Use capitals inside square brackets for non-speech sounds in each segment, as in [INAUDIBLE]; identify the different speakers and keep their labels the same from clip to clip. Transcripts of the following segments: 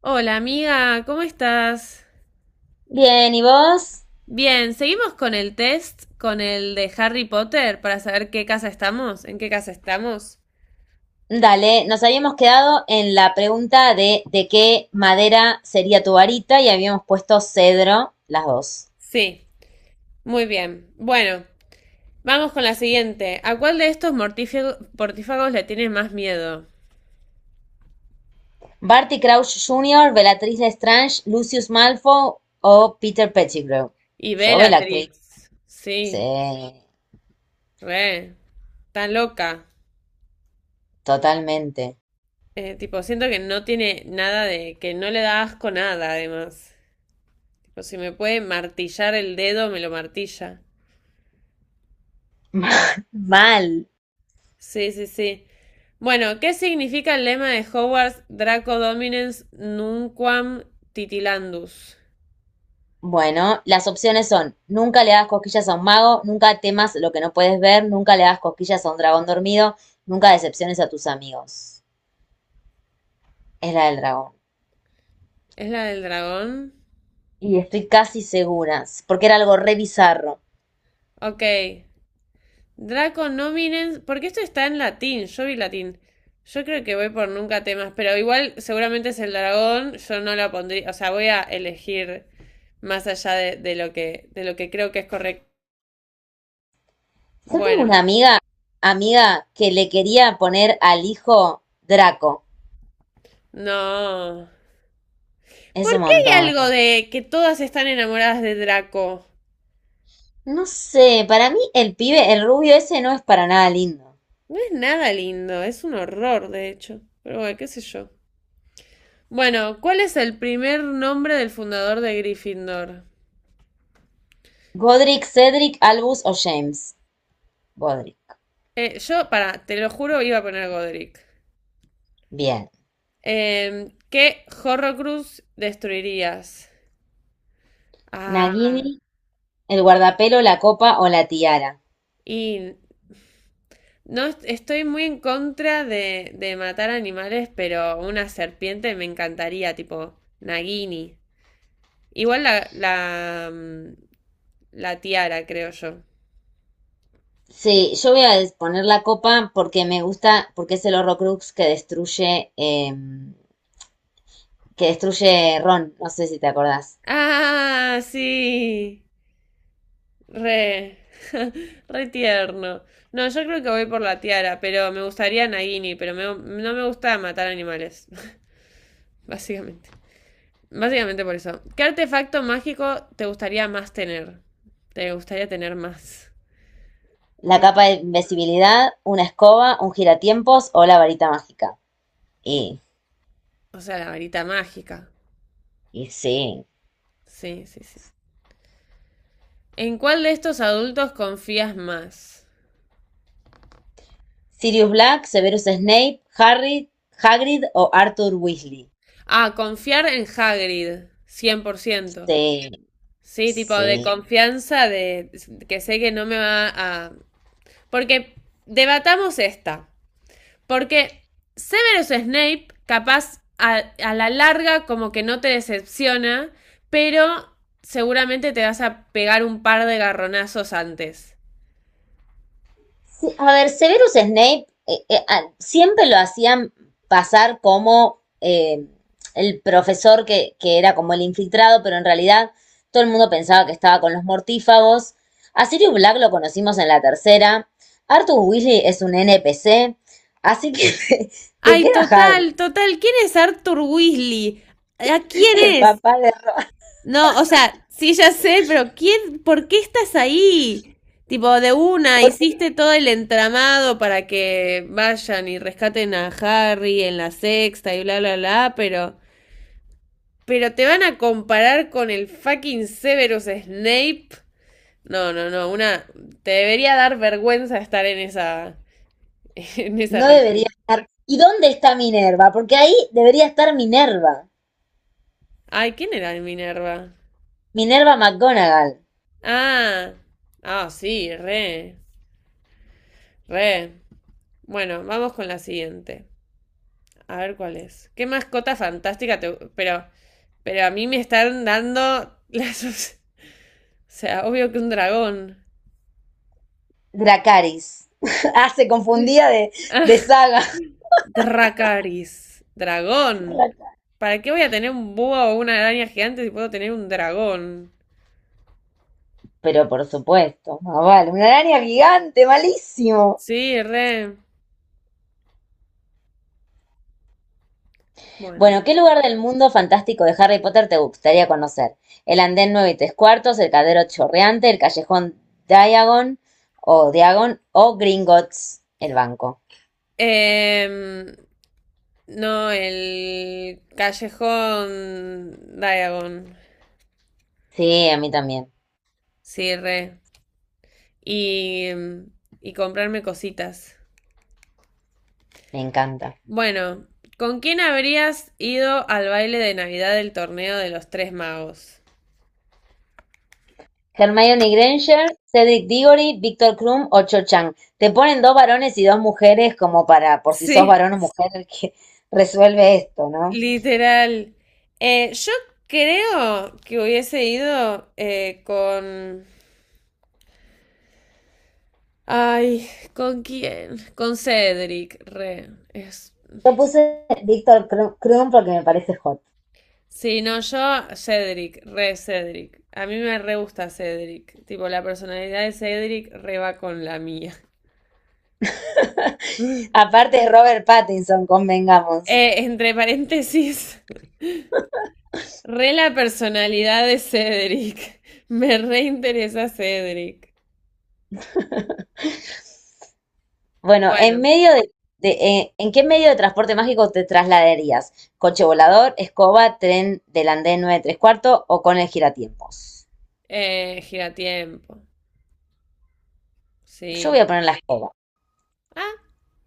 Speaker 1: Hola amiga, ¿cómo estás?
Speaker 2: Bien, ¿y vos?
Speaker 1: Bien, seguimos con el test, con el de Harry Potter, para saber qué casa estamos, en qué casa estamos.
Speaker 2: Dale, nos habíamos quedado en la pregunta de qué madera sería tu varita y habíamos puesto cedro, las dos.
Speaker 1: Sí, muy bien. Bueno, vamos con la siguiente. ¿A cuál de estos mortífagos le tienes más miedo?
Speaker 2: Barty Crouch Jr., Bellatrix Lestrange, Lucius Malfoy o Peter Pettigrew.
Speaker 1: Y
Speaker 2: Yo, Bellatrix.
Speaker 1: Bellatrix. Sí,
Speaker 2: Sí,
Speaker 1: re. Tan loca.
Speaker 2: totalmente.
Speaker 1: Tipo, siento que no tiene nada de, que no le da asco nada, además. Tipo, si me puede martillar el dedo, me lo martilla.
Speaker 2: Mal.
Speaker 1: Sí, sí, sí. Bueno, ¿qué significa el lema de Hogwarts, Draco Dominus Nunquam Titilandus?
Speaker 2: Bueno, las opciones son: nunca le hagas cosquillas a un mago, nunca temas lo que no puedes ver, nunca le hagas cosquillas a un dragón dormido, nunca decepciones a tus amigos. Es la del dragón.
Speaker 1: ¿Es la del dragón?
Speaker 2: Y estoy casi segura, porque era algo re bizarro.
Speaker 1: Ok. Draco Dominus. Porque esto está en latín, yo vi latín. Yo creo que voy por nunca temas, pero igual seguramente es el dragón, yo no la pondría, o sea, voy a elegir más allá de lo de lo que creo que es correcto.
Speaker 2: Yo tengo una
Speaker 1: Bueno,
Speaker 2: amiga, amiga, que le quería poner al hijo Draco.
Speaker 1: no. ¿Por
Speaker 2: Es un
Speaker 1: qué hay
Speaker 2: montón.
Speaker 1: algo de que todas están enamoradas de Draco?
Speaker 2: No sé, para mí el pibe, el rubio ese no es para nada lindo.
Speaker 1: No es nada lindo, es un horror, de hecho. Pero bueno, qué sé yo. Bueno, ¿cuál es el primer nombre del fundador de Gryffindor?
Speaker 2: Godric, Cedric, Albus o James. Godric.
Speaker 1: Yo, para, te lo juro, iba a poner Godric.
Speaker 2: Bien.
Speaker 1: ¿Qué Horrocrux destruirías? Ah,
Speaker 2: Nagini, el guardapelo, la copa o la tiara.
Speaker 1: y no estoy muy en contra de matar animales, pero una serpiente me encantaría, tipo Nagini. Igual la tiara, creo yo.
Speaker 2: Sí, yo voy a poner la copa porque me gusta, porque es el Horrocrux que destruye Ron. No sé si te acordás.
Speaker 1: Ah, sí. Re, [LAUGHS] re tierno. No, yo creo que voy por la tiara, pero me gustaría Nagini, pero no me gusta matar animales, [LAUGHS] básicamente. Básicamente por eso. ¿Qué artefacto mágico te gustaría más tener? Te gustaría tener más.
Speaker 2: La capa
Speaker 1: Mm,
Speaker 2: de invisibilidad, una escoba, un giratiempos o la varita mágica. Y,
Speaker 1: O sea, la varita mágica.
Speaker 2: y sí.
Speaker 1: Sí, sí, sí. ¿En cuál de estos adultos confías más?
Speaker 2: Sirius Black, Severus Snape, Harry, Hagrid o Arthur Weasley.
Speaker 1: Ah, confiar en Hagrid, cien por ciento.
Speaker 2: Sí,
Speaker 1: Sí, tipo de
Speaker 2: sí.
Speaker 1: confianza de que sé que no me va a... Porque debatamos esta. Porque Severus Snape, capaz a la larga como que no te decepciona, pero seguramente te vas a pegar un par de garronazos antes.
Speaker 2: Sí, a ver, Severus Snape siempre lo hacían pasar como el profesor que era como el infiltrado, pero en realidad todo el mundo pensaba que estaba con los mortífagos. A Sirius Black lo conocimos en la tercera. Arthur Weasley es un NPC, así que [LAUGHS] te
Speaker 1: Ay,
Speaker 2: queda Hagrid,
Speaker 1: total, total. ¿Quién es Arthur Weasley? ¿A quién
Speaker 2: el
Speaker 1: es?
Speaker 2: papá de
Speaker 1: No, o sea, sí, ya sé, pero ¿quién, por qué estás ahí? Tipo, de una,
Speaker 2: Arthur.
Speaker 1: hiciste todo el entramado para que vayan y rescaten a Harry en la sexta y bla, bla, bla, pero... Pero te van a comparar con el fucking Severus Snape. No, no, no, una... Te debería dar vergüenza estar en esa... [LAUGHS] En esa
Speaker 2: No debería
Speaker 1: reunión.
Speaker 2: estar. ¿Y dónde está Minerva? Porque ahí debería estar Minerva,
Speaker 1: Ay, ¿quién era el Minerva?
Speaker 2: Minerva McGonagall.
Speaker 1: Ah, ah, sí, re, re. Bueno, vamos con la siguiente. A ver cuál es. Qué mascota fantástica te- pero a mí me están dando [LAUGHS] las... O sea, obvio que un dragón. [LAUGHS]
Speaker 2: Dracaris. [LAUGHS] Ah, se confundía de
Speaker 1: Ah,
Speaker 2: saga.
Speaker 1: Dracaris. Dragón.
Speaker 2: [LAUGHS]
Speaker 1: ¿Para qué voy a tener un búho o una araña gigante si puedo tener un dragón?
Speaker 2: Pero por supuesto, ah, vale, una araña gigante, malísimo.
Speaker 1: Sí, re. Bueno.
Speaker 2: Bueno, ¿qué lugar del mundo fantástico de Harry Potter te gustaría conocer? El andén 9 y 3 cuartos, el cadero chorreante, el callejón Diagon o Diagon o Gringotts, el banco.
Speaker 1: Em, no, el callejón Diagon.
Speaker 2: Sí, a mí también,
Speaker 1: Sí, re. Y, y comprarme cositas.
Speaker 2: me encanta.
Speaker 1: Bueno, ¿con quién habrías ido al baile de Navidad del torneo de los Tres Magos?
Speaker 2: Hermione Granger, Cedric Diggory, Victor Krum o Cho Chang. Te ponen dos varones y dos mujeres como para, por si sos
Speaker 1: Sí,
Speaker 2: varón o mujer, que [LAUGHS] resuelve esto, ¿no?
Speaker 1: literal. Yo creo que hubiese ido con... Ay, ¿con quién? Con Cedric, re. Es...
Speaker 2: Yo puse Victor Krum porque me parece hot.
Speaker 1: Sí, no, yo, Cedric, re Cedric. A mí me re gusta Cedric. Tipo, la personalidad de Cedric re va con la mía.
Speaker 2: [LAUGHS]
Speaker 1: [LAUGHS]
Speaker 2: Aparte es Robert Pattinson, convengamos.
Speaker 1: Entre paréntesis. Re la personalidad de Cedric. [LAUGHS] Me reinteresa Cedric.
Speaker 2: Bueno,
Speaker 1: Bueno,
Speaker 2: de- ¿en qué medio de transporte mágico te trasladarías? ¿Coche volador, escoba, tren del andén 9 3 cuartos o con el giratiempos?
Speaker 1: giratiempo.
Speaker 2: Yo voy
Speaker 1: Sí.
Speaker 2: a poner la escoba.
Speaker 1: Ah,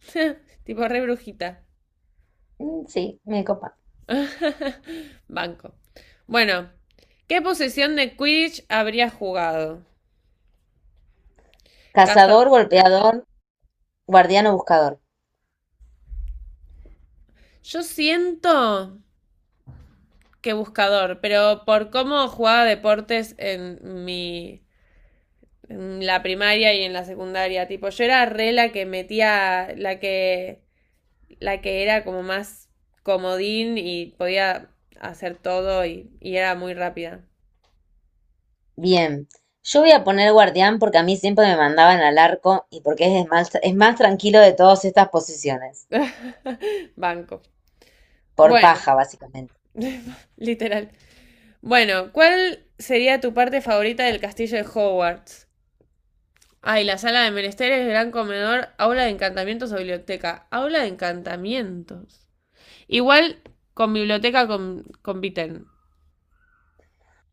Speaker 1: [LAUGHS] tipo re brujita.
Speaker 2: Mm, sí, me copa.
Speaker 1: Banco. Bueno, ¿qué posesión de Quidditch habría jugado?
Speaker 2: Cazador,
Speaker 1: Cazador.
Speaker 2: golpeador, guardián o buscador.
Speaker 1: Yo siento que buscador, pero por cómo jugaba deportes en mi. En la primaria y en la secundaria. Tipo, yo era re la que metía, la que era como más comodín y podía hacer todo y era muy rápida.
Speaker 2: Bien. Yo voy a poner guardián porque a mí siempre me mandaban al arco y porque es más tranquilo de todas estas posiciones.
Speaker 1: [LAUGHS] Banco.
Speaker 2: Por
Speaker 1: Bueno,
Speaker 2: paja, básicamente.
Speaker 1: [LAUGHS] literal. Bueno, ¿cuál sería tu parte favorita del castillo de Hogwarts? Ay, la sala de menesteres, gran comedor, aula de encantamientos o biblioteca. Aula de encantamientos. Igual con biblioteca compiten.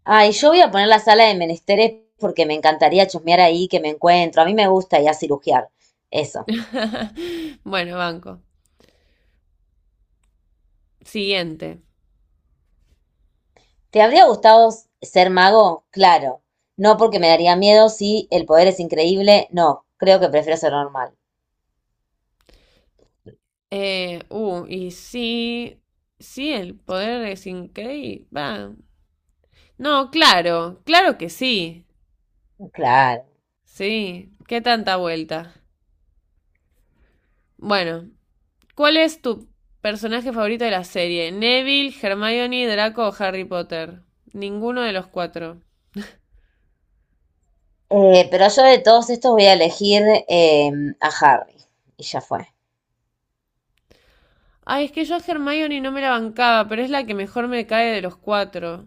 Speaker 2: Ah, y yo voy a poner la sala de menesteres porque me encantaría chusmear ahí, que me encuentro. A mí me gusta ya a cirugiar. Eso.
Speaker 1: [LAUGHS] Bueno, banco. Siguiente.
Speaker 2: ¿Te habría gustado ser mago? Claro. No, porque me daría miedo si el poder es increíble. No, creo que prefiero ser normal.
Speaker 1: Y sí, sí, el poder es increíble. No, claro, claro que sí.
Speaker 2: Claro.
Speaker 1: Sí, qué tanta vuelta. Bueno, ¿cuál es tu personaje favorito de la serie? ¿Neville, Hermione, Draco o Harry Potter? Ninguno de los cuatro.
Speaker 2: Pero yo de todos estos voy a elegir a Harry. Y ya fue.
Speaker 1: Ay, es que yo a Hermione no me la bancaba, pero es la que mejor me cae de los cuatro.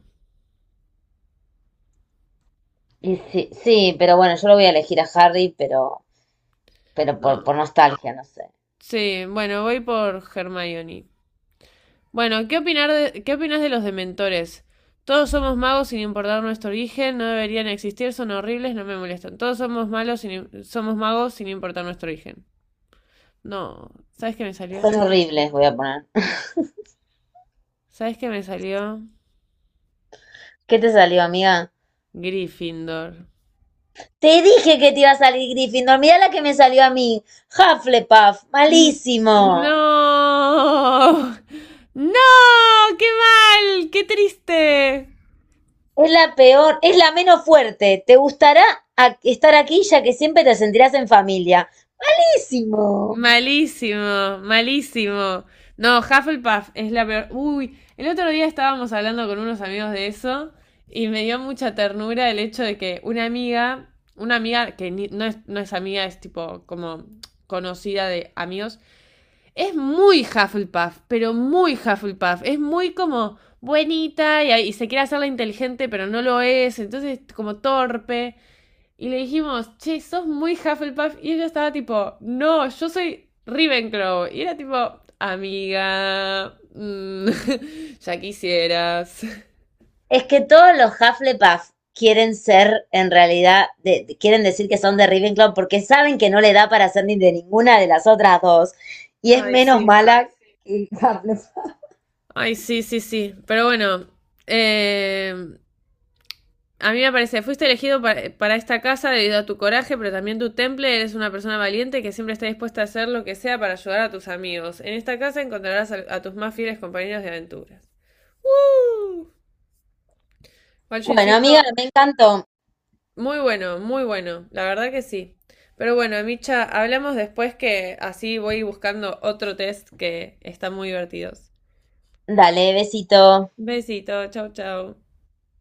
Speaker 2: Y sí, sí, pero bueno, yo lo voy a elegir a Harry, pero, por
Speaker 1: No.
Speaker 2: nostalgia, no sé.
Speaker 1: Sí, bueno, voy por Hermione. Bueno, ¿qué opinas de los dementores? Todos somos magos sin importar nuestro origen, no deberían existir, son horribles, no me molestan. Todos somos malos sin- somos magos sin importar nuestro origen. No, ¿sabes qué me salió?
Speaker 2: Son horribles, voy a poner. [LAUGHS]
Speaker 1: ¿Sabes qué me salió?
Speaker 2: ¿Qué te salió, amiga?
Speaker 1: Gryffindor.
Speaker 2: Te dije que te iba a salir Gryffindor. Mirá la que me salió a mí. Hufflepuff.
Speaker 1: N-
Speaker 2: Malísimo.
Speaker 1: No. [LAUGHS] No, qué mal, qué triste.
Speaker 2: Es la peor, es la menos fuerte. Te gustará estar aquí, ya que siempre te sentirás en familia. Malísimo.
Speaker 1: Malísimo, malísimo. No, Hufflepuff es la peor. Uy, el otro día estábamos hablando con unos amigos de eso y me dio mucha ternura el hecho de que una amiga que ni- no no es amiga, es tipo como conocida de amigos, es muy Hufflepuff, pero muy Hufflepuff. Es muy como buenita y se quiere hacerla inteligente, pero no lo es, entonces como torpe. Y le dijimos, che, sos muy Hufflepuff. Y ella estaba tipo, no, yo soy Ravenclaw. Y era tipo, amiga, [LAUGHS] ya quisieras.
Speaker 2: Es que todos los Hufflepuff quieren ser, en realidad, quieren decir que son de Ravenclaw porque saben que no le da para ser ni de ninguna de las otras dos. Y es
Speaker 1: Ay,
Speaker 2: menos
Speaker 1: sí.
Speaker 2: mala que Hufflepuff.
Speaker 1: Ay, sí, sí, sí. Pero bueno, eh, a mí me parece, fuiste elegido para esta casa debido a tu coraje, pero también tu temple. Eres una persona valiente que siempre está dispuesta a hacer lo que sea para ayudar a tus amigos. En esta casa encontrarás a tus más fieles compañeros de aventuras. ¡Woo! Igual yo
Speaker 2: Bueno, amiga,
Speaker 1: insisto.
Speaker 2: me encantó.
Speaker 1: Muy bueno, muy bueno, la verdad que sí. Pero bueno, Micha, hablamos después que así voy buscando otro test que están muy divertidos.
Speaker 2: Dale, besito.
Speaker 1: Besito, chau, chau.